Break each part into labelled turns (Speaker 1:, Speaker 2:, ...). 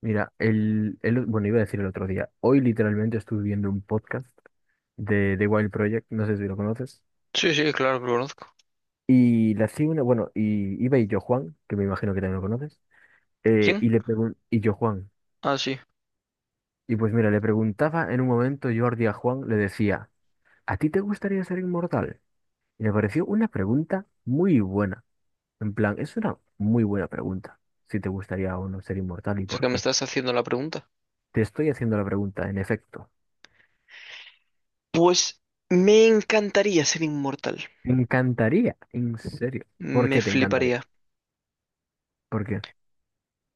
Speaker 1: Mira, bueno, iba a decir el otro día. Hoy literalmente estuve viendo un podcast de The Wild Project, no sé si lo conoces.
Speaker 2: Sí, sí, claro que lo conozco.
Speaker 1: Y le hacía una, bueno, y iba y yo Juan, que me imagino que también lo conoces,
Speaker 2: ¿Quién?
Speaker 1: y y yo Juan.
Speaker 2: Ah, sí. O
Speaker 1: Y pues mira, le preguntaba en un momento Jordi a Juan, le decía, ¿a ti te gustaría ser inmortal? Y me pareció una pregunta muy buena. En plan, es una muy buena pregunta, si te gustaría o no ser inmortal y
Speaker 2: sea
Speaker 1: por
Speaker 2: que me
Speaker 1: qué.
Speaker 2: estás haciendo la pregunta.
Speaker 1: Te estoy haciendo la pregunta, en efecto.
Speaker 2: Pues me encantaría ser inmortal.
Speaker 1: Me encantaría, en serio. ¿Por
Speaker 2: Me
Speaker 1: qué te encantaría?
Speaker 2: fliparía.
Speaker 1: ¿Por qué?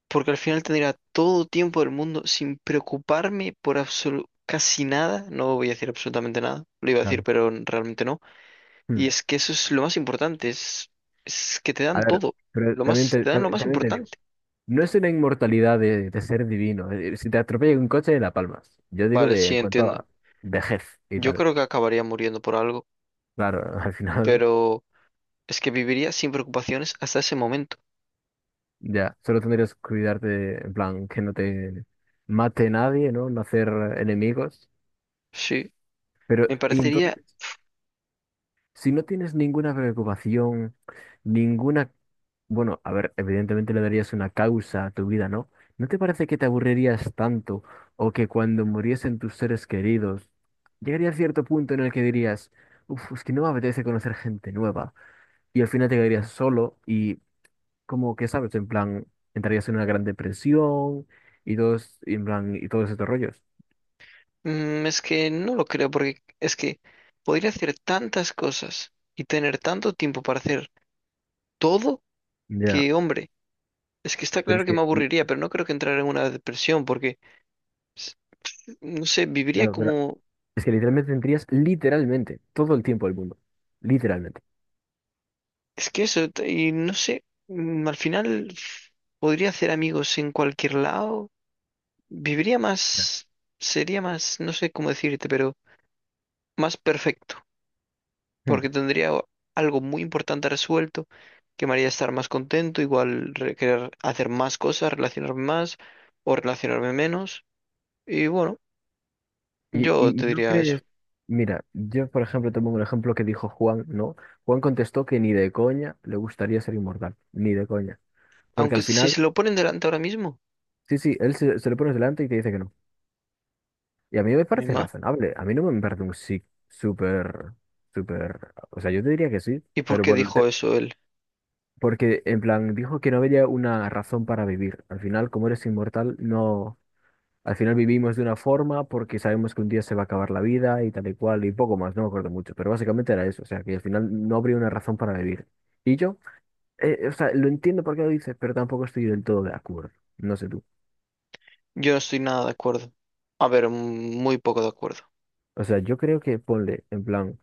Speaker 2: Porque al final tendría todo tiempo del mundo sin preocuparme por casi nada. No voy a decir absolutamente nada. Lo iba a decir,
Speaker 1: Claro.
Speaker 2: pero realmente no.
Speaker 1: Hmm.
Speaker 2: Y es que eso es lo más importante. Es que te
Speaker 1: A
Speaker 2: dan
Speaker 1: ver,
Speaker 2: todo.
Speaker 1: pero
Speaker 2: Lo
Speaker 1: también
Speaker 2: más, te dan lo más
Speaker 1: también te digo,
Speaker 2: importante.
Speaker 1: no es una inmortalidad de ser divino. Si te atropella un coche, la palmas. Yo digo
Speaker 2: Vale,
Speaker 1: de
Speaker 2: sí,
Speaker 1: en cuanto
Speaker 2: entiendo.
Speaker 1: a vejez y
Speaker 2: Yo
Speaker 1: tal.
Speaker 2: creo que acabaría muriendo por algo.
Speaker 1: Claro, al final
Speaker 2: Pero es que viviría sin preocupaciones hasta ese momento.
Speaker 1: ya, solo tendrías que cuidarte, en plan, que no te mate nadie, ¿no? No hacer enemigos.
Speaker 2: Sí.
Speaker 1: Pero,
Speaker 2: Me
Speaker 1: y
Speaker 2: parecería,
Speaker 1: entonces, si no tienes ninguna preocupación, ninguna. Bueno, a ver, evidentemente le darías una causa a tu vida, ¿no? ¿No te parece que te aburrirías tanto o que cuando muriesen tus seres queridos, llegaría a cierto punto en el que dirías, uff, es que no me apetece conocer gente nueva y al final te quedarías solo y como que, ¿sabes? En plan, entrarías en una gran depresión y todos, y en plan, y todos estos rollos.
Speaker 2: es que no lo creo, porque es que podría hacer tantas cosas y tener tanto tiempo para hacer todo
Speaker 1: Ya,
Speaker 2: que, hombre, es que está
Speaker 1: pero
Speaker 2: claro
Speaker 1: es
Speaker 2: que
Speaker 1: que,
Speaker 2: me aburriría, pero no creo que entrara en una depresión, porque, s- no sé, viviría
Speaker 1: claro, pero
Speaker 2: como,
Speaker 1: es que literalmente tendrías literalmente todo el tiempo del mundo, literalmente.
Speaker 2: es que eso, y no sé, al final podría hacer amigos en cualquier lado, viviría más, sería más, no sé cómo decirte, pero más perfecto.
Speaker 1: Hmm.
Speaker 2: Porque tendría algo muy importante resuelto, que me haría estar más contento, igual querer hacer más cosas, relacionarme más o relacionarme menos. Y bueno,
Speaker 1: Y,
Speaker 2: yo
Speaker 1: y, y
Speaker 2: te
Speaker 1: no
Speaker 2: diría eso.
Speaker 1: crees, mira, yo por ejemplo te pongo el ejemplo que dijo Juan, ¿no? Juan contestó que ni de coña le gustaría ser inmortal, ni de coña. Porque
Speaker 2: Aunque
Speaker 1: al
Speaker 2: si
Speaker 1: final,
Speaker 2: se lo ponen delante ahora mismo,
Speaker 1: sí, sí, él se le pone delante y te dice que no. Y a mí me
Speaker 2: mi
Speaker 1: parece
Speaker 2: ma.
Speaker 1: razonable, a mí no me parece un sí súper, súper, o sea, yo te diría que sí,
Speaker 2: ¿Y por
Speaker 1: pero
Speaker 2: qué
Speaker 1: bueno,
Speaker 2: dijo eso él?
Speaker 1: porque en plan dijo que no había una razón para vivir. Al final, como eres inmortal, no. Al final vivimos de una forma porque sabemos que un día se va a acabar la vida y tal y cual y poco más, no me acuerdo mucho, pero básicamente era eso, o sea, que al final no habría una razón para vivir. Y yo, o sea, lo entiendo por qué lo dices, pero tampoco estoy del todo de acuerdo, no sé tú.
Speaker 2: Yo no estoy nada de acuerdo. A ver, muy poco de acuerdo.
Speaker 1: O sea, yo creo que ponle, en plan,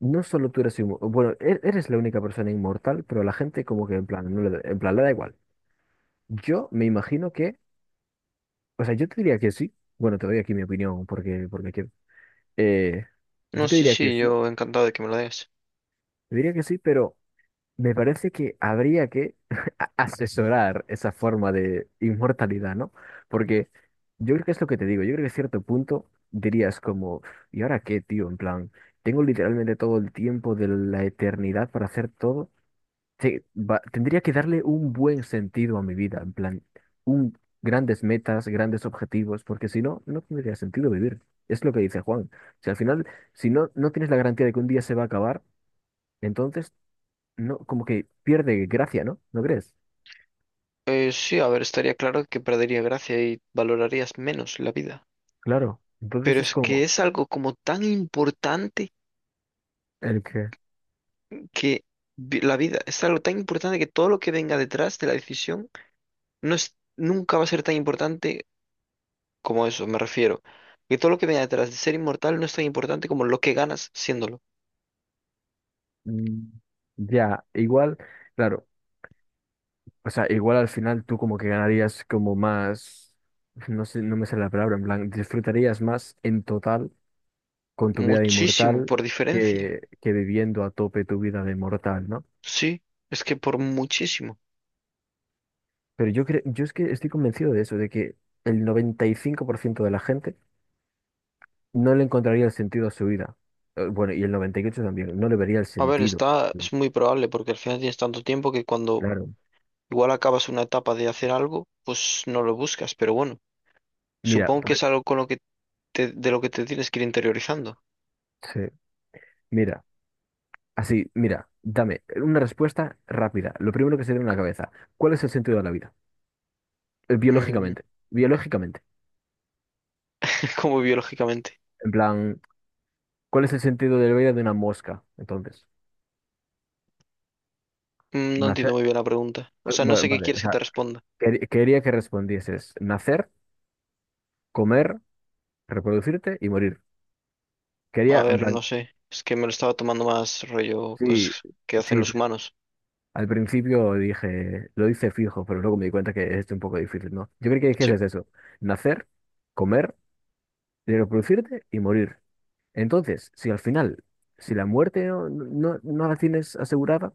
Speaker 1: no solo tú eres inmortal, bueno, eres la única persona inmortal, pero la gente como que en plan, no le da- en plan, le da igual. Yo me imagino que, o sea, yo te diría que sí, bueno, te doy aquí mi opinión porque quiero. Eh, yo
Speaker 2: No,
Speaker 1: te
Speaker 2: sí,
Speaker 1: diría que
Speaker 2: sí,
Speaker 1: sí,
Speaker 2: yo encantado de que me lo des.
Speaker 1: te diría que sí, pero... Me parece que habría que asesorar esa forma de inmortalidad, ¿no? Porque yo creo que es lo que te digo, yo creo que a cierto punto dirías como, ¿y ahora qué, tío? En plan, tengo literalmente todo el tiempo de la eternidad para hacer todo. Sí, tendría que darle un buen sentido a mi vida, en plan, grandes metas, grandes objetivos, porque si no, no tendría sentido vivir. Es lo que dice Juan. Si al final, si no, no tienes la garantía de que un día se va a acabar, entonces no, como que pierde gracia, ¿no? ¿No crees?
Speaker 2: Sí, a ver, estaría claro que perdería gracia y valorarías menos la vida.
Speaker 1: Claro.
Speaker 2: Pero
Speaker 1: Entonces es
Speaker 2: es que
Speaker 1: como
Speaker 2: es algo como tan importante
Speaker 1: el que,
Speaker 2: que la vida es algo tan importante que todo lo que venga detrás de la decisión no es, nunca va a ser tan importante como eso, me refiero. Que todo lo que venga detrás de ser inmortal no es tan importante como lo que ganas siéndolo.
Speaker 1: mm, ya, igual, claro, o sea, igual al final tú como que ganarías como más, no sé, no me sale la palabra, en plan, disfrutarías más en total con tu vida de
Speaker 2: Muchísimo,
Speaker 1: inmortal
Speaker 2: por diferencia.
Speaker 1: que viviendo a tope tu vida de mortal, ¿no?
Speaker 2: Sí, es que por muchísimo.
Speaker 1: Pero yo creo, yo es que estoy convencido de eso, de que el 95% de la gente no le encontraría el sentido a su vida. Bueno, y el 98 también, no le vería el
Speaker 2: A ver,
Speaker 1: sentido.
Speaker 2: está, es muy probable porque al final tienes tanto tiempo que cuando
Speaker 1: Claro.
Speaker 2: igual acabas una etapa de hacer algo, pues no lo buscas, pero bueno,
Speaker 1: Mira,
Speaker 2: supongo que es algo con lo que de lo que te tienes que ir interiorizando.
Speaker 1: sí, mira, así, mira, dame una respuesta rápida. Lo primero que se viene a la cabeza. ¿Cuál es el sentido de la vida?
Speaker 2: Mm,
Speaker 1: Biológicamente, biológicamente.
Speaker 2: como biológicamente.
Speaker 1: En plan, ¿cuál es el sentido de la vida de una mosca? Entonces,
Speaker 2: No entiendo
Speaker 1: nacer,
Speaker 2: muy bien la pregunta. O sea, no sé qué
Speaker 1: vale, o
Speaker 2: quieres que te
Speaker 1: sea,
Speaker 2: responda.
Speaker 1: quería que respondieses nacer, comer, reproducirte y morir.
Speaker 2: A
Speaker 1: Quería, en
Speaker 2: ver, no
Speaker 1: plan,
Speaker 2: sé. Es que me lo estaba tomando más rollo
Speaker 1: sí,
Speaker 2: cosas que hacen
Speaker 1: sí.
Speaker 2: los humanos.
Speaker 1: Al principio dije, lo hice fijo, pero luego me di cuenta que es un poco difícil, ¿no? Yo creo que dijese
Speaker 2: Sí.
Speaker 1: eso, nacer, comer de reproducirte y morir. Entonces, si al final, si la muerte no la tienes asegurada,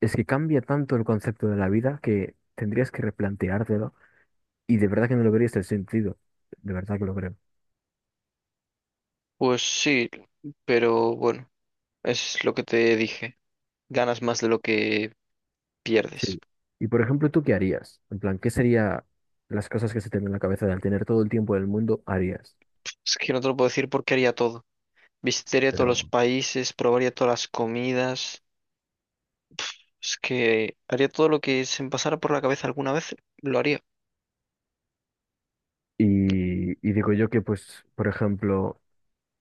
Speaker 1: es que cambia tanto el concepto de la vida que tendrías que replanteártelo y de verdad que no lo verías el sentido. De verdad que lo creo.
Speaker 2: Pues sí, pero bueno, es lo que te dije. Ganas más de lo que
Speaker 1: Sí.
Speaker 2: pierdes.
Speaker 1: Y por ejemplo, ¿tú qué harías? En plan, ¿qué serían las cosas que se te ven en la cabeza de al tener todo el tiempo del mundo harías?
Speaker 2: Es que no te lo puedo decir porque haría todo. Visitaría todos los
Speaker 1: Pero,
Speaker 2: países, probaría todas las comidas. Es que haría todo lo que se me pasara por la cabeza alguna vez. Lo haría.
Speaker 1: y digo yo que, pues, por ejemplo,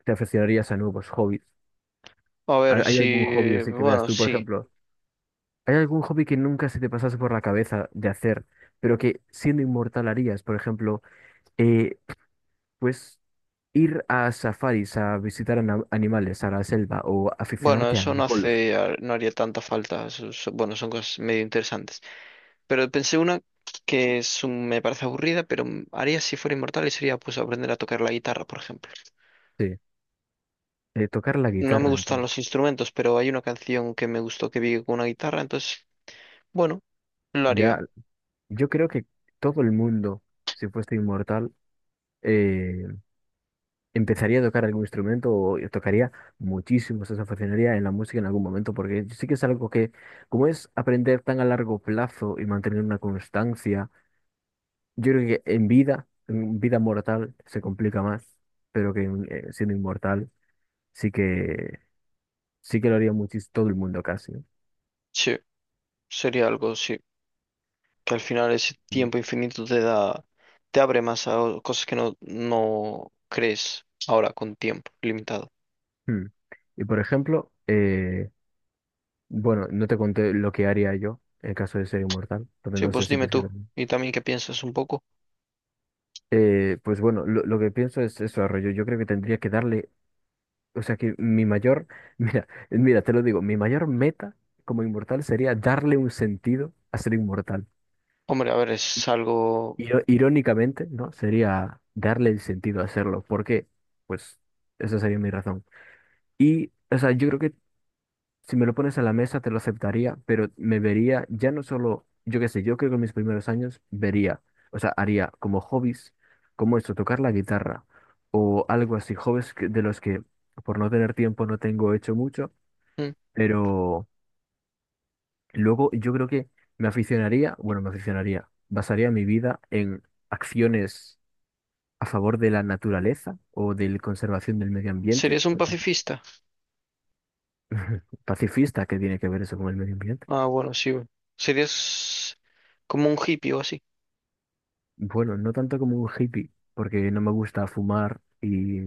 Speaker 1: te aficionarías a nuevos hobbies.
Speaker 2: A
Speaker 1: ¿Hay
Speaker 2: ver,
Speaker 1: hay algún hobby
Speaker 2: si...
Speaker 1: así que veas
Speaker 2: Bueno,
Speaker 1: tú, por
Speaker 2: sí.
Speaker 1: ejemplo? ¿Hay algún hobby que nunca se te pasase por la cabeza de hacer, pero que siendo inmortal harías? Por ejemplo, eh, pues ir a safaris, a visitar animales, a la selva o
Speaker 2: Bueno,
Speaker 1: aficionarte al
Speaker 2: eso no
Speaker 1: golf,
Speaker 2: hace, no haría tanta falta. Bueno, son cosas medio interesantes. Pero pensé una que me parece aburrida, pero haría si fuera inmortal y sería pues aprender a tocar la guitarra, por ejemplo.
Speaker 1: sí, tocar la
Speaker 2: No me
Speaker 1: guitarra. En
Speaker 2: gustan
Speaker 1: fin.
Speaker 2: los instrumentos, pero hay una canción que me gustó que vi con una guitarra, entonces, bueno, lo haría.
Speaker 1: Ya, yo creo que todo el mundo, si fuese inmortal, eh, empezaría a tocar algún instrumento o tocaría muchísimo, se aficionaría en la música en algún momento, porque sí que es algo que, como es aprender tan a largo plazo y mantener una constancia, yo creo que en vida mortal, se complica más, pero que siendo inmortal sí que sí que lo haría muchis todo el mundo casi. ¿No?
Speaker 2: Sí, sería algo, sí. Que al final ese
Speaker 1: Y,
Speaker 2: tiempo infinito te da, te abre más a cosas que no, no crees ahora con tiempo limitado.
Speaker 1: hmm. Y, por ejemplo, bueno, no te conté lo que haría yo en caso de ser inmortal, entonces
Speaker 2: Sí,
Speaker 1: no sé
Speaker 2: pues
Speaker 1: si
Speaker 2: dime
Speaker 1: quieres que
Speaker 2: tú.
Speaker 1: te-
Speaker 2: Y también qué piensas un poco.
Speaker 1: Pues bueno, lo que pienso es eso, Arroyo. Yo creo que tendría que darle, o sea que mi mayor, mira, mira, te lo digo, mi mayor meta como inmortal sería darle un sentido a ser inmortal.
Speaker 2: Hombre, a ver, es algo...
Speaker 1: Irónicamente, ¿no? Sería darle el sentido a hacerlo. ¿Por qué? Pues esa sería mi razón. Y, o sea, yo creo que si me lo pones a la mesa te lo aceptaría, pero me vería ya no solo, yo qué sé, yo creo que en mis primeros años vería, o sea, haría como hobbies, como esto, tocar la guitarra o algo así, hobbies de los que por no tener tiempo no tengo hecho mucho,
Speaker 2: Mm.
Speaker 1: pero luego yo creo que me aficionaría, bueno, me aficionaría, basaría mi vida en acciones a favor de la naturaleza o de la conservación del medio ambiente.
Speaker 2: ¿Serías un pacifista?
Speaker 1: Pacifista. ¿Qué tiene que ver eso con el medio ambiente?
Speaker 2: Ah, bueno, sí. Bueno. Serías como un hippie o así.
Speaker 1: Bueno, no tanto como un hippie, porque no me gusta fumar y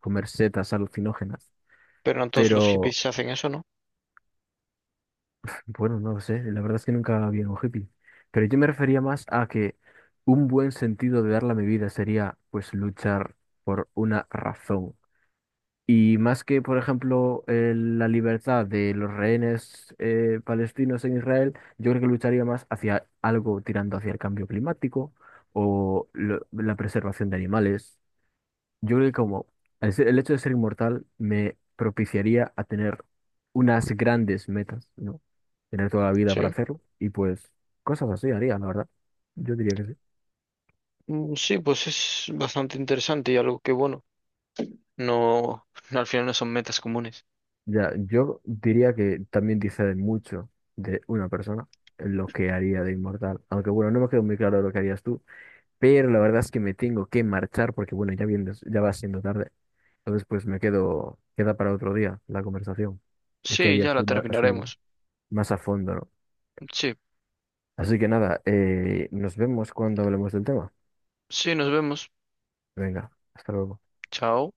Speaker 1: comer setas alucinógenas,
Speaker 2: Pero no todos los
Speaker 1: pero
Speaker 2: hippies hacen eso, ¿no?
Speaker 1: bueno, no lo sé, la verdad es que nunca había un hippie. Pero yo me refería más a que un buen sentido de darle a mi vida sería pues luchar por una razón. Y más que, por ejemplo, la libertad de los rehenes palestinos en Israel, yo creo que lucharía más hacia algo tirando hacia el cambio climático o la preservación de animales. Yo creo que como el hecho de ser inmortal me propiciaría a tener unas grandes metas, ¿no? Tener toda la vida para
Speaker 2: Sí.
Speaker 1: hacerlo y pues cosas así haría, la verdad. Yo diría que sí.
Speaker 2: Sí, pues es bastante interesante y algo que, bueno, no, no al final no son metas comunes.
Speaker 1: Ya, yo diría que también dice de mucho de una persona lo que haría de inmortal. Aunque bueno, no me quedó muy claro lo que harías tú, pero la verdad es que me tengo que marchar porque bueno, ya viene, ya va siendo tarde. Entonces pues me quedo, queda para otro día la conversación de qué
Speaker 2: Sí,
Speaker 1: harías
Speaker 2: ya la
Speaker 1: tú más, así
Speaker 2: terminaremos.
Speaker 1: más a fondo, ¿no?
Speaker 2: Sí,
Speaker 1: Así que nada, nos vemos cuando hablemos del tema.
Speaker 2: sí, nos vemos.
Speaker 1: Venga, hasta luego.
Speaker 2: Chao.